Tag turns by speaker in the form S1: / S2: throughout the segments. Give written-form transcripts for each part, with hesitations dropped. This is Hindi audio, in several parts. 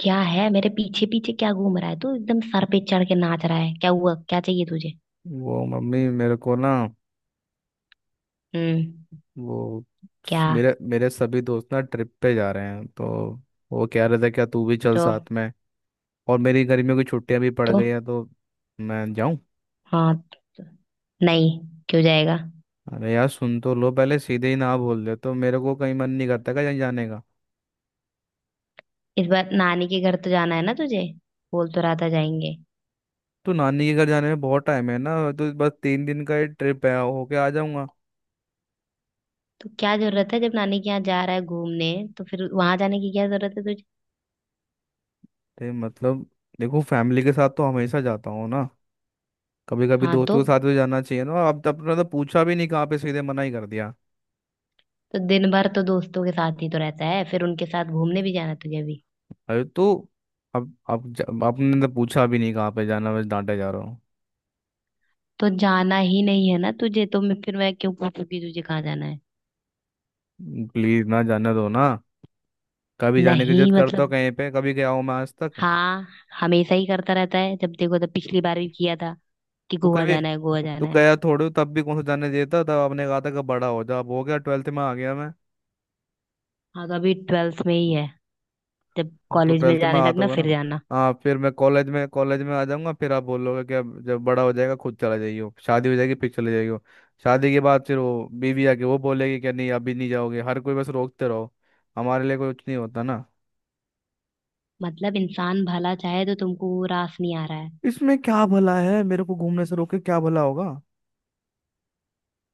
S1: क्या है? मेरे पीछे पीछे क्या घूम रहा है तू? एकदम सर पे चढ़ के नाच रहा है। क्या हुआ? क्या चाहिए तुझे?
S2: वो मम्मी मेरे को ना,
S1: हम्म।
S2: वो
S1: क्या?
S2: मेरे मेरे सभी दोस्त ना ट्रिप पे जा रहे हैं, तो वो कह रहे थे क्या तू भी चल
S1: तो?
S2: साथ में। और मेरी गर्मियों की छुट्टियां भी पड़
S1: तो
S2: गई हैं, तो मैं जाऊं?
S1: हाँ, तो नहीं, क्यों जाएगा?
S2: अरे यार सुन तो लो पहले, सीधे ही ना बोल दे तो मेरे को कहीं मन नहीं करता कहीं जाने का।
S1: इस बार नानी के घर तो जाना है ना तुझे? बोल तो रहा था जाएंगे।
S2: तो नानी के घर जाने में बहुत टाइम है ना, तो बस तीन दिन का ही ट्रिप है, होके आ जाऊंगा।
S1: तो क्या जरूरत है जब नानी के यहाँ जा रहा है घूमने? तो फिर वहां जाने की क्या जरूरत है तुझे?
S2: तो मतलब देखो, फैमिली के साथ तो हमेशा जाता हूँ ना, कभी कभी
S1: हाँ,
S2: दोस्तों
S1: तो।
S2: के साथ भी जाना चाहिए ना। अब तो अपना तो पूछा भी नहीं कहाँ पे, सीधे मना ही कर दिया।
S1: तो दिन भर तो दोस्तों के साथ ही तो रहता है, फिर उनके साथ घूमने भी जाना है तुझे भी?
S2: अरे तो अब आपने तो पूछा भी नहीं कहाँ पे जाना, बस डांटे जा रहा हूँ।
S1: तो जाना ही नहीं है ना तुझे तो, मैं फिर मैं क्यों पूछूंगी तुझे कहाँ जाना है।
S2: प्लीज ना जाने दो ना। कभी जाने की जिद
S1: नहीं,
S2: करता हूँ,
S1: मतलब,
S2: कहीं पे कभी गया हूँ मैं आज तक?
S1: हाँ, हमेशा ही करता रहता है जब देखो तब। पिछली बार भी किया था कि
S2: तो
S1: गोवा
S2: कभी
S1: जाना है, गोवा
S2: तो
S1: जाना है।
S2: गया थोड़े हो, तब भी कौन सा जाने देता। तब आपने कहा था कि बड़ा हो जा, अब हो गया, ट्वेल्थ में आ गया मैं।
S1: हाँ, तो अभी ट्वेल्थ में ही है। जब
S2: अब तो
S1: कॉलेज में
S2: ट्वेल्थ में
S1: जाने
S2: आता
S1: लगना
S2: होगा
S1: फिर
S2: ना।
S1: जाना।
S2: हाँ, फिर मैं कॉलेज में आ जाऊंगा, फिर आप बोलोगे कि अब जब बड़ा हो जाएगा खुद चला जाइयो, शादी हो जाएगी फिर चले जाइयो। शादी के बाद फिर वो बीवी आके वो बोलेगी कि नहीं अभी नहीं जाओगे, हर कोई बस रोकते रहो। हमारे लिए कुछ नहीं होता।
S1: मतलब इंसान भला चाहे तो तुमको वो रास नहीं आ रहा है।
S2: इसमें क्या भला है, मेरे को घूमने से रोके क्या भला होगा?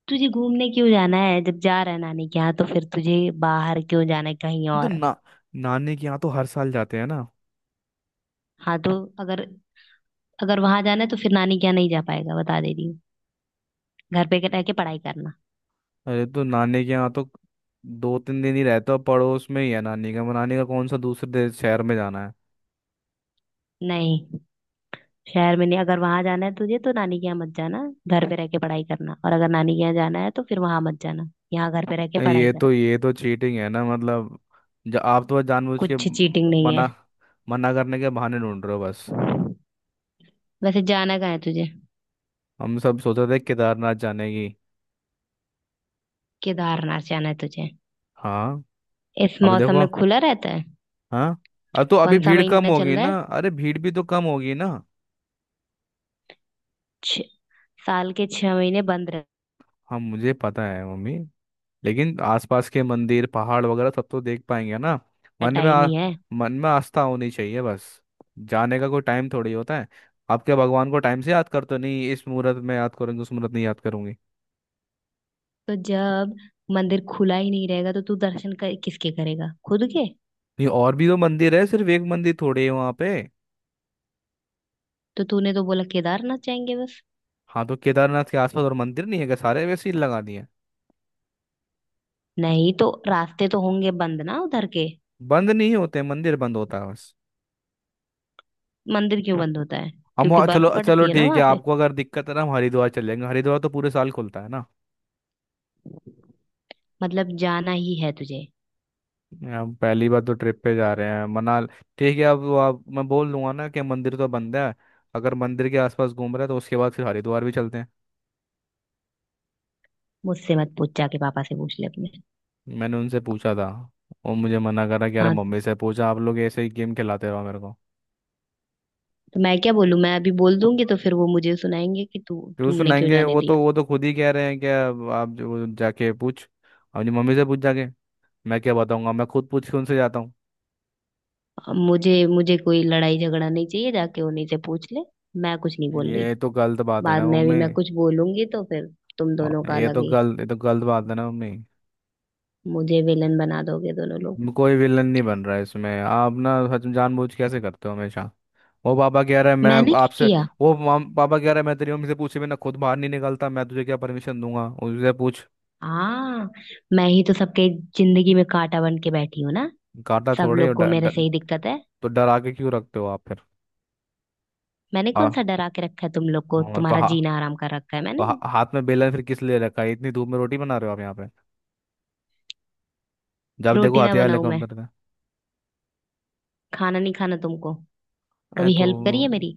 S1: तुझे घूमने क्यों जाना है जब जा रहा है नानी के यहाँ, तो फिर तुझे बाहर क्यों जाना है कहीं
S2: हम तो
S1: और?
S2: ना, नानी के यहाँ तो हर साल जाते हैं ना।
S1: हाँ, तो अगर, अगर वहां जाना है तो फिर नानी के यहाँ नहीं जा पाएगा, बता दे रही हूँ। घर पे रह के पढ़ाई करना।
S2: अरे तो नानी के यहाँ तो दो तीन दिन ही रहता हूँ, पड़ोस में ही है नानी का, नानी का कौन सा दूसरे शहर में जाना
S1: नहीं, शहर में नहीं। अगर वहां जाना है तुझे तो नानी के यहाँ मत जाना, घर पे रह के पढ़ाई करना। और अगर नानी के यहाँ जाना है तो फिर वहां मत जाना, यहाँ घर पे रह के
S2: है।
S1: पढ़ाई
S2: ये
S1: कर।
S2: तो ये तो चीटिंग है ना मतलब। आप तो बस जानबूझ के
S1: कुछ चीटिंग नहीं है।
S2: मना, मना करने के बहाने ढूंढ रहे हो बस।
S1: वैसे जाना कहाँ है तुझे?
S2: हम सब सोच रहे थे केदारनाथ जाने की।
S1: केदारनाथ जाना है तुझे?
S2: हाँ।
S1: इस
S2: अभी
S1: मौसम
S2: देखो।
S1: में खुला रहता है?
S2: हाँ। अब तो अभी
S1: कौन सा
S2: भीड़ कम
S1: महीना चल
S2: होगी
S1: रहा है?
S2: ना, अरे भीड़ भी तो कम होगी ना।
S1: छ- साल के छह महीने बंद रहता।
S2: हाँ मुझे पता है मम्मी, लेकिन आसपास के मंदिर पहाड़ वगैरह सब तो देख पाएंगे ना। मन में
S1: टाइम
S2: आ,
S1: ही है।
S2: मन में आस्था होनी चाहिए बस, जाने का कोई टाइम थोड़ी होता है। आप क्या भगवान को टाइम से याद करते हो? नहीं, इस मुहूर्त में याद करूंगी उस मुहूर्त में याद करूंगी?
S1: तो जब मंदिर खुला ही नहीं रहेगा तो तू दर्शन कर, किसके करेगा, खुद के?
S2: नहीं और भी तो मंदिर है, सिर्फ एक मंदिर थोड़ी है वहाँ पे।
S1: तो तूने तो बोला केदारनाथ जाएंगे बस।
S2: हाँ तो केदारनाथ के आसपास और मंदिर नहीं है क्या, सारे वैसे ही लगा दिए?
S1: नहीं तो रास्ते तो होंगे बंद ना उधर के।
S2: बंद नहीं होते, मंदिर बंद होता है बस।
S1: मंदिर क्यों बंद होता है? क्योंकि बर्फ
S2: चलो चलो
S1: पड़ती है ना
S2: ठीक है,
S1: वहां पे।
S2: आपको अगर दिक्कत है ना, हम हरिद्वार चलेंगे, हरिद्वार तो पूरे साल खुलता है ना।
S1: मतलब जाना ही है तुझे?
S2: अब पहली बार तो ट्रिप पे जा रहे हैं मनाल। ठीक है, अब वो आप मैं बोल दूंगा ना कि मंदिर तो बंद है, अगर मंदिर के आसपास घूम रहे हैं तो उसके बाद फिर हरिद्वार भी चलते हैं।
S1: मुझसे मत पूछ, जाके पापा से पूछ ले अपने।
S2: मैंने उनसे पूछा था, वो मुझे मना कर रहा कि अरे
S1: हाँ,
S2: मम्मी से पूछा। आप लोग ऐसे ही गेम खिलाते रहो मेरे को।
S1: तो मैं क्या बोलूं? मैं अभी बोल दूंगी तो फिर वो मुझे सुनाएंगे कि तू
S2: क्यों
S1: तुमने क्यों
S2: सुनाएंगे?
S1: जाने
S2: वो तो
S1: दिया।
S2: वो तो खुद ही कह रहे हैं कि अब आप जो जाके पूछ अपनी मम्मी से, पूछ जाके। मैं क्या बताऊंगा, मैं खुद पूछ के उनसे जाता हूँ।
S1: अब मुझे मुझे कोई लड़ाई झगड़ा नहीं चाहिए, जाके उन्हीं से पूछ ले। मैं कुछ नहीं बोल रही।
S2: ये तो गलत बात है
S1: बाद
S2: ना
S1: में भी
S2: मम्मी।
S1: मैं कुछ बोलूंगी तो फिर तुम दोनों का
S2: ये
S1: अलग
S2: तो
S1: ही।
S2: गलत ये तो गलत बात है ना मम्मी।
S1: मुझे विलन बना दोगे दोनों लोग।
S2: कोई विलन नहीं बन रहा है इसमें, आप ना सच में जानबूझ के कैसे करते हो हमेशा। वो पापा कह रहा है मैं
S1: मैंने क्या
S2: आपसे,
S1: किया?
S2: वो पापा कह रहा है मैं तेरी मम्मी से पूछे बिना खुद बाहर नहीं निकलता, मैं तुझे क्या परमिशन दूंगा, उससे पूछ।
S1: हाँ, मैं ही तो सबके जिंदगी में कांटा बन के बैठी हूँ ना।
S2: काटा
S1: सब
S2: थोड़े, और
S1: लोग
S2: ड,
S1: को मेरे से
S2: ड,
S1: ही दिक्कत है।
S2: तो डरा के क्यों रखते हो आप फिर?
S1: मैंने कौन सा
S2: हाँ।
S1: डरा के रखा है तुम लोग को? तुम्हारा
S2: हाँ
S1: जीना आराम कर रखा है
S2: तो
S1: मैंने।
S2: हा, हाथ में बेलन फिर किस लिए रखा है, इतनी धूप में रोटी बना रहे हो आप यहाँ पे, जब देखो
S1: रोटी ना
S2: हथियार लेकर
S1: बनाऊं मैं?
S2: उतरते हैं।
S1: खाना नहीं खाना तुमको?
S2: अरे
S1: कभी
S2: तो
S1: हेल्प करी है मेरी,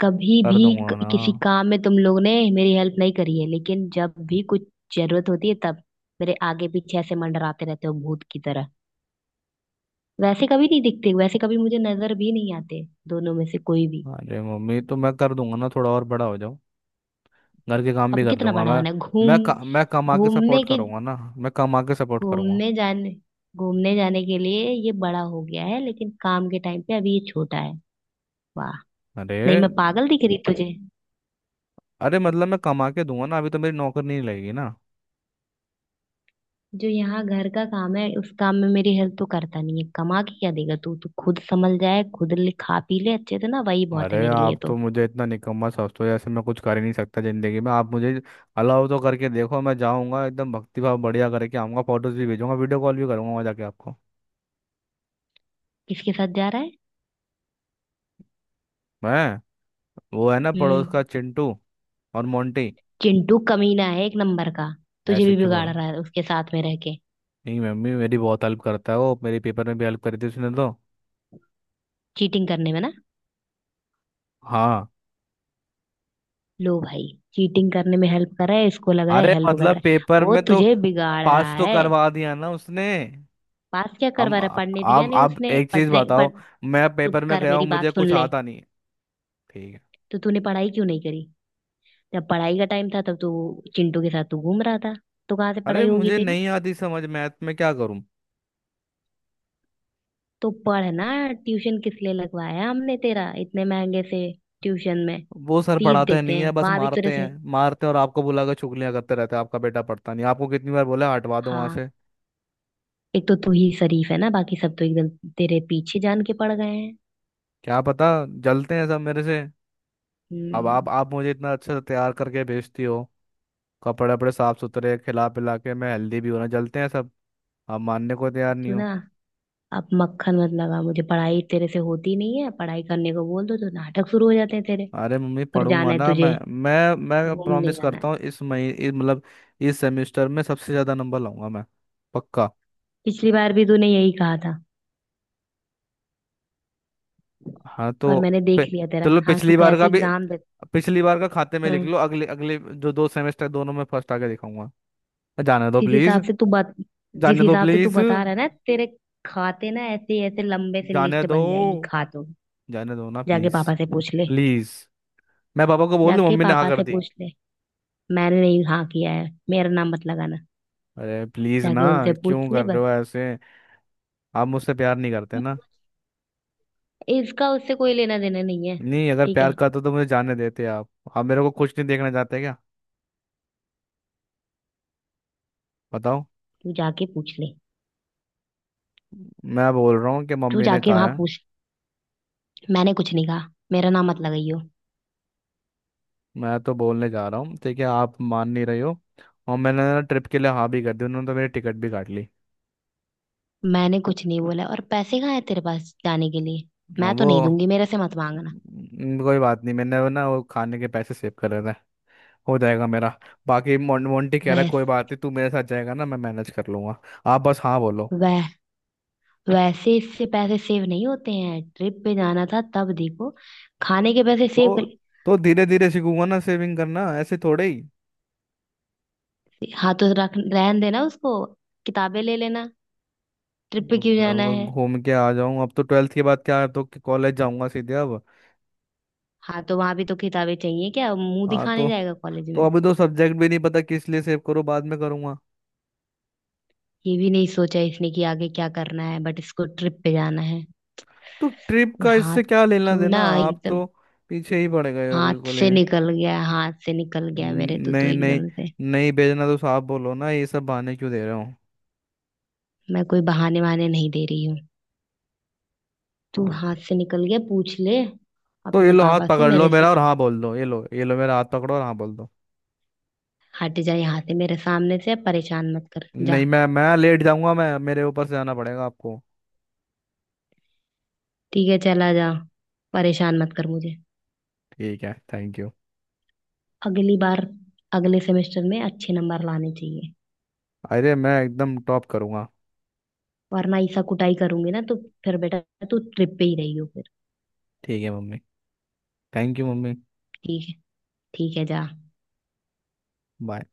S1: कभी
S2: कर
S1: भी?
S2: दूंगा ना।
S1: किसी काम में तुम लोग ने मेरी हेल्प नहीं करी है, लेकिन जब भी कुछ जरूरत होती है तब मेरे आगे पीछे ऐसे मंडराते रहते हो भूत की तरह। वैसे कभी नहीं दिखते, वैसे कभी मुझे नजर भी नहीं आते दोनों में से कोई भी।
S2: अरे मम्मी तो मैं कर दूंगा ना, थोड़ा और बड़ा हो जाओ, घर के काम भी
S1: अब
S2: कर
S1: कितना
S2: दूंगा
S1: बड़ा
S2: मैं।
S1: होना है? घूम,
S2: मैं कमा के
S1: घूमने
S2: सपोर्ट
S1: के,
S2: करूंगा ना, मैं कमा के सपोर्ट करूंगा।
S1: घूमने जाने, घूमने जाने के लिए ये बड़ा हो गया है, लेकिन काम के टाइम पे अभी ये छोटा है। वाह।
S2: अरे।
S1: नहीं मैं पागल दिख रही तुझे?
S2: अरे मतलब मैं कमा के दूंगा ना, अभी तो मेरी नौकरी नहीं लगेगी ना।
S1: जो यहाँ घर का काम है उस काम में मेरी हेल्प तो करता नहीं है, कमा के क्या देगा तू? तू खुद संभल जाए, खुद ले, खा पी ले अच्छे से ना, वही बहुत है
S2: अरे
S1: मेरे लिए
S2: आप तो
S1: तो।
S2: मुझे इतना निकम्मा समझते हो जैसे मैं कुछ कर ही नहीं सकता जिंदगी में। आप मुझे अलाउ तो करके देखो, मैं जाऊंगा एकदम भक्ति भाव बढ़िया करके आऊंगा, फोटोज भी भेजूंगा, वीडियो कॉल भी करूंगा वहां जाके आपको।
S1: किसके साथ जा रहा है?
S2: मैं? वो है ना पड़ोस
S1: हम्म।
S2: का चिंटू। और मोंटी।
S1: चिंटू कमीना है एक नंबर का। तुझे
S2: ऐसे
S1: भी
S2: क्यों
S1: बिगाड़
S2: बोलूं?
S1: रहा है उसके साथ में रह के।
S2: नहीं मम्मी, मेरी बहुत हेल्प करता है वो, मेरे पेपर में भी हेल्प करी थी उसने तो।
S1: चीटिंग करने में ना।
S2: हाँ।
S1: लो भाई, चीटिंग करने में हेल्प कर रहा है, इसको लग रहा है
S2: अरे
S1: हेल्प कर रहा
S2: मतलब
S1: है।
S2: पेपर
S1: वो
S2: में तो
S1: तुझे बिगाड़
S2: पास
S1: रहा
S2: तो
S1: है।
S2: करवा दिया ना उसने।
S1: पास क्या करवा
S2: अब,
S1: रहा है? पढ़ने दिया
S2: अब
S1: नहीं
S2: अब
S1: उसने
S2: एक चीज
S1: पढ़ने, पढ़।
S2: बताओ, मैं
S1: चुप
S2: पेपर में
S1: कर,
S2: गया हूँ
S1: मेरी
S2: मुझे
S1: बात सुन
S2: कुछ
S1: ले।
S2: आता नहीं है। ठीक है।
S1: तो तूने पढ़ाई क्यों नहीं करी? जब पढ़ाई का टाइम था तब तू चिंटू के साथ तू घूम रहा था, तो कहाँ से
S2: अरे
S1: पढ़ाई होगी
S2: मुझे
S1: तेरी?
S2: नहीं आती समझ मैथ में, क्या करूँ?
S1: तो पढ़ना। ट्यूशन किस लिए लगवाया हमने तेरा इतने महंगे से ट्यूशन में?
S2: वो सर
S1: फीस
S2: पढ़ाते
S1: देते
S2: नहीं है,
S1: हैं
S2: बस
S1: वहां भी तेरे
S2: मारते हैं,
S1: से।
S2: मारते हैं और आपको बुला के चुगलियां करते रहते हैं आपका बेटा पढ़ता नहीं। आपको कितनी बार बोला हटवा दो वहां
S1: हाँ,
S2: से।
S1: एक तो तू ही शरीफ है ना, बाकी सब तो एकदम तेरे पीछे जान के पड़ गए हैं।
S2: क्या पता, जलते हैं सब मेरे से। अब आप
S1: हम्म।
S2: आप मुझे इतना अच्छा तैयार करके भेजती हो, कपड़े वपड़े साफ सुथरे, खिला पिला के मैं हेल्दी भी होना, जलते हैं सब। आप मानने को तैयार नहीं
S1: तू ना,
S2: हो।
S1: अब मक्खन मत लगा मुझे। पढ़ाई तेरे से होती नहीं है, पढ़ाई करने को बोल दो तो नाटक शुरू हो जाते हैं तेरे।
S2: अरे मम्मी
S1: पर
S2: पढ़ूंगा
S1: जाना है
S2: ना
S1: तुझे,
S2: मैं, मैं
S1: घूमने
S2: प्रॉमिस
S1: जाना
S2: करता
S1: है।
S2: हूँ, इस महीने मतलब इस सेमेस्टर में सबसे ज्यादा नंबर लाऊंगा मैं, पक्का।
S1: पिछली बार भी तूने यही कहा था,
S2: हाँ
S1: और
S2: तो
S1: मैंने
S2: पे-
S1: देख लिया तेरा
S2: चलो
S1: हाँ, तू
S2: पिछली बार
S1: कैसे
S2: का भी,
S1: एग्जाम देता
S2: पिछली बार का खाते में लिख
S1: है।
S2: लो, अगले अगले जो 2 सेमेस्टर, दोनों में फर्स्ट आके दिखाऊंगा। जाने दो
S1: जिस
S2: प्लीज।
S1: हिसाब से तू बत, जिस
S2: जाने दो
S1: हिसाब से तू
S2: प्लीज।
S1: बता रहा है ना, तेरे खाते ना ऐसे ऐसे लंबे से
S2: जाने
S1: लिस्ट
S2: दो।
S1: बन जाएगी खातों की।
S2: जाने दो ना
S1: जाके
S2: प्लीज।
S1: पापा से पूछ ले।
S2: प्लीज। मैं पापा को बोल दूं
S1: जाके
S2: मम्मी ने हाँ
S1: पापा
S2: कर
S1: से
S2: दी?
S1: पूछ ले। मैंने नहीं हाँ किया है, मेरा नाम मत लगाना।
S2: अरे प्लीज ना।
S1: जाके उनसे पूछ
S2: क्यों
S1: ले
S2: कर रहे
S1: बस।
S2: हो ऐसे? आप मुझसे प्यार नहीं करते ना।
S1: इसका उससे कोई लेना देना नहीं है।
S2: नहीं, अगर
S1: ठीक
S2: प्यार
S1: है,
S2: करते तो मुझे जाने देते आप। आप मेरे को कुछ नहीं देखना चाहते क्या, बताओ?
S1: तू जाके पूछ ले।
S2: मैं बोल रहा हूँ कि
S1: तू
S2: मम्मी ने
S1: जाके
S2: कहा
S1: वहां
S2: है।
S1: पूछ, मैंने कुछ नहीं कहा, मेरा नाम मत लगाइयो।
S2: मैं तो बोलने जा रहा हूँ, ठीक है, आप मान नहीं रही हो। और मैंने ना ट्रिप के लिए हाँ भी कर दी, उन्होंने तो मेरी टिकट भी काट ली।
S1: मैंने कुछ नहीं बोला। और पैसे कहाँ है तेरे पास जाने के लिए?
S2: और
S1: मैं तो
S2: वो
S1: नहीं दूंगी, मेरे से मत मांगना।
S2: कोई बात नहीं, मैंने वो ना, वो खाने के पैसे सेव कर रहे थे, हो जाएगा मेरा। बाकी मोंटी कह रहा है
S1: वैस,
S2: कोई बात नहीं, तू मेरे साथ जाएगा ना, मैं मैनेज कर लूंगा। आप बस हाँ बोलो।
S1: वह, वैसे इससे पैसे सेव नहीं होते हैं। ट्रिप पे जाना था तब देखो, खाने के पैसे सेव
S2: तो
S1: कर।
S2: तो धीरे धीरे सीखूंगा ना सेविंग करना, ऐसे थोड़े ही।
S1: हाथों रख रहन देना उसको, किताबें ले लेना। ट्रिप पे क्यों जाना
S2: मैं
S1: है?
S2: घूम के आ जाऊं, अब तो ट्वेल्थ के बाद क्या है, तो कॉलेज जाऊंगा सीधे अब।
S1: हाँ, तो वहां भी तो किताबें चाहिए, क्या मुंह
S2: हाँ
S1: दिखाने
S2: तो
S1: जाएगा कॉलेज
S2: तो
S1: में?
S2: अभी तो सब्जेक्ट भी नहीं पता, किस लिए सेव करूँ, बाद में करूंगा।
S1: ये भी नहीं सोचा इसने कि आगे क्या करना है, बट इसको ट्रिप पे जाना है।
S2: तो ट्रिप का
S1: हाँ,
S2: इससे क्या लेना
S1: तू ना
S2: देना, आप
S1: एकदम
S2: तो पीछे ही पड़ गए हो,
S1: हाथ
S2: बिल्कुल ही
S1: से निकल गया, हाथ से निकल गया मेरे, तू तो
S2: नहीं नहीं।
S1: एकदम से।
S2: नहीं भेजना तो साफ बोलो ना, ये सब बहाने क्यों दे रहे हो?
S1: मैं कोई बहाने वहाने नहीं दे रही हूँ। तू हाथ से निकल गया, पूछ ले
S2: तो ये
S1: अपने
S2: लो, हाथ
S1: पापा से,
S2: पकड़ लो
S1: मेरे से
S2: मेरा और
S1: मत।
S2: हाँ बोल दो, ये लो, ये लो मेरा हाथ पकड़ो और हाँ बोल दो।
S1: हट जा यहाँ से, मेरे सामने से परेशान मत कर, जा।
S2: नहीं, मैं लेट जाऊंगा, मैं, मेरे ऊपर से आना पड़ेगा आपको।
S1: ठीक है चला जा, परेशान मत कर मुझे।
S2: ठीक है, थैंक यू।
S1: अगली बार, अगले सेमेस्टर में अच्छे नंबर लाने चाहिए,
S2: अरे मैं एकदम टॉप करूंगा।
S1: वरना ऐसा कुटाई करूंगी ना तो फिर बेटा तू ट्रिप पे ही रही हो फिर।
S2: ठीक है मम्मी। Thank you mummy.
S1: ठीक है, ठीक है, जा।
S2: बाय।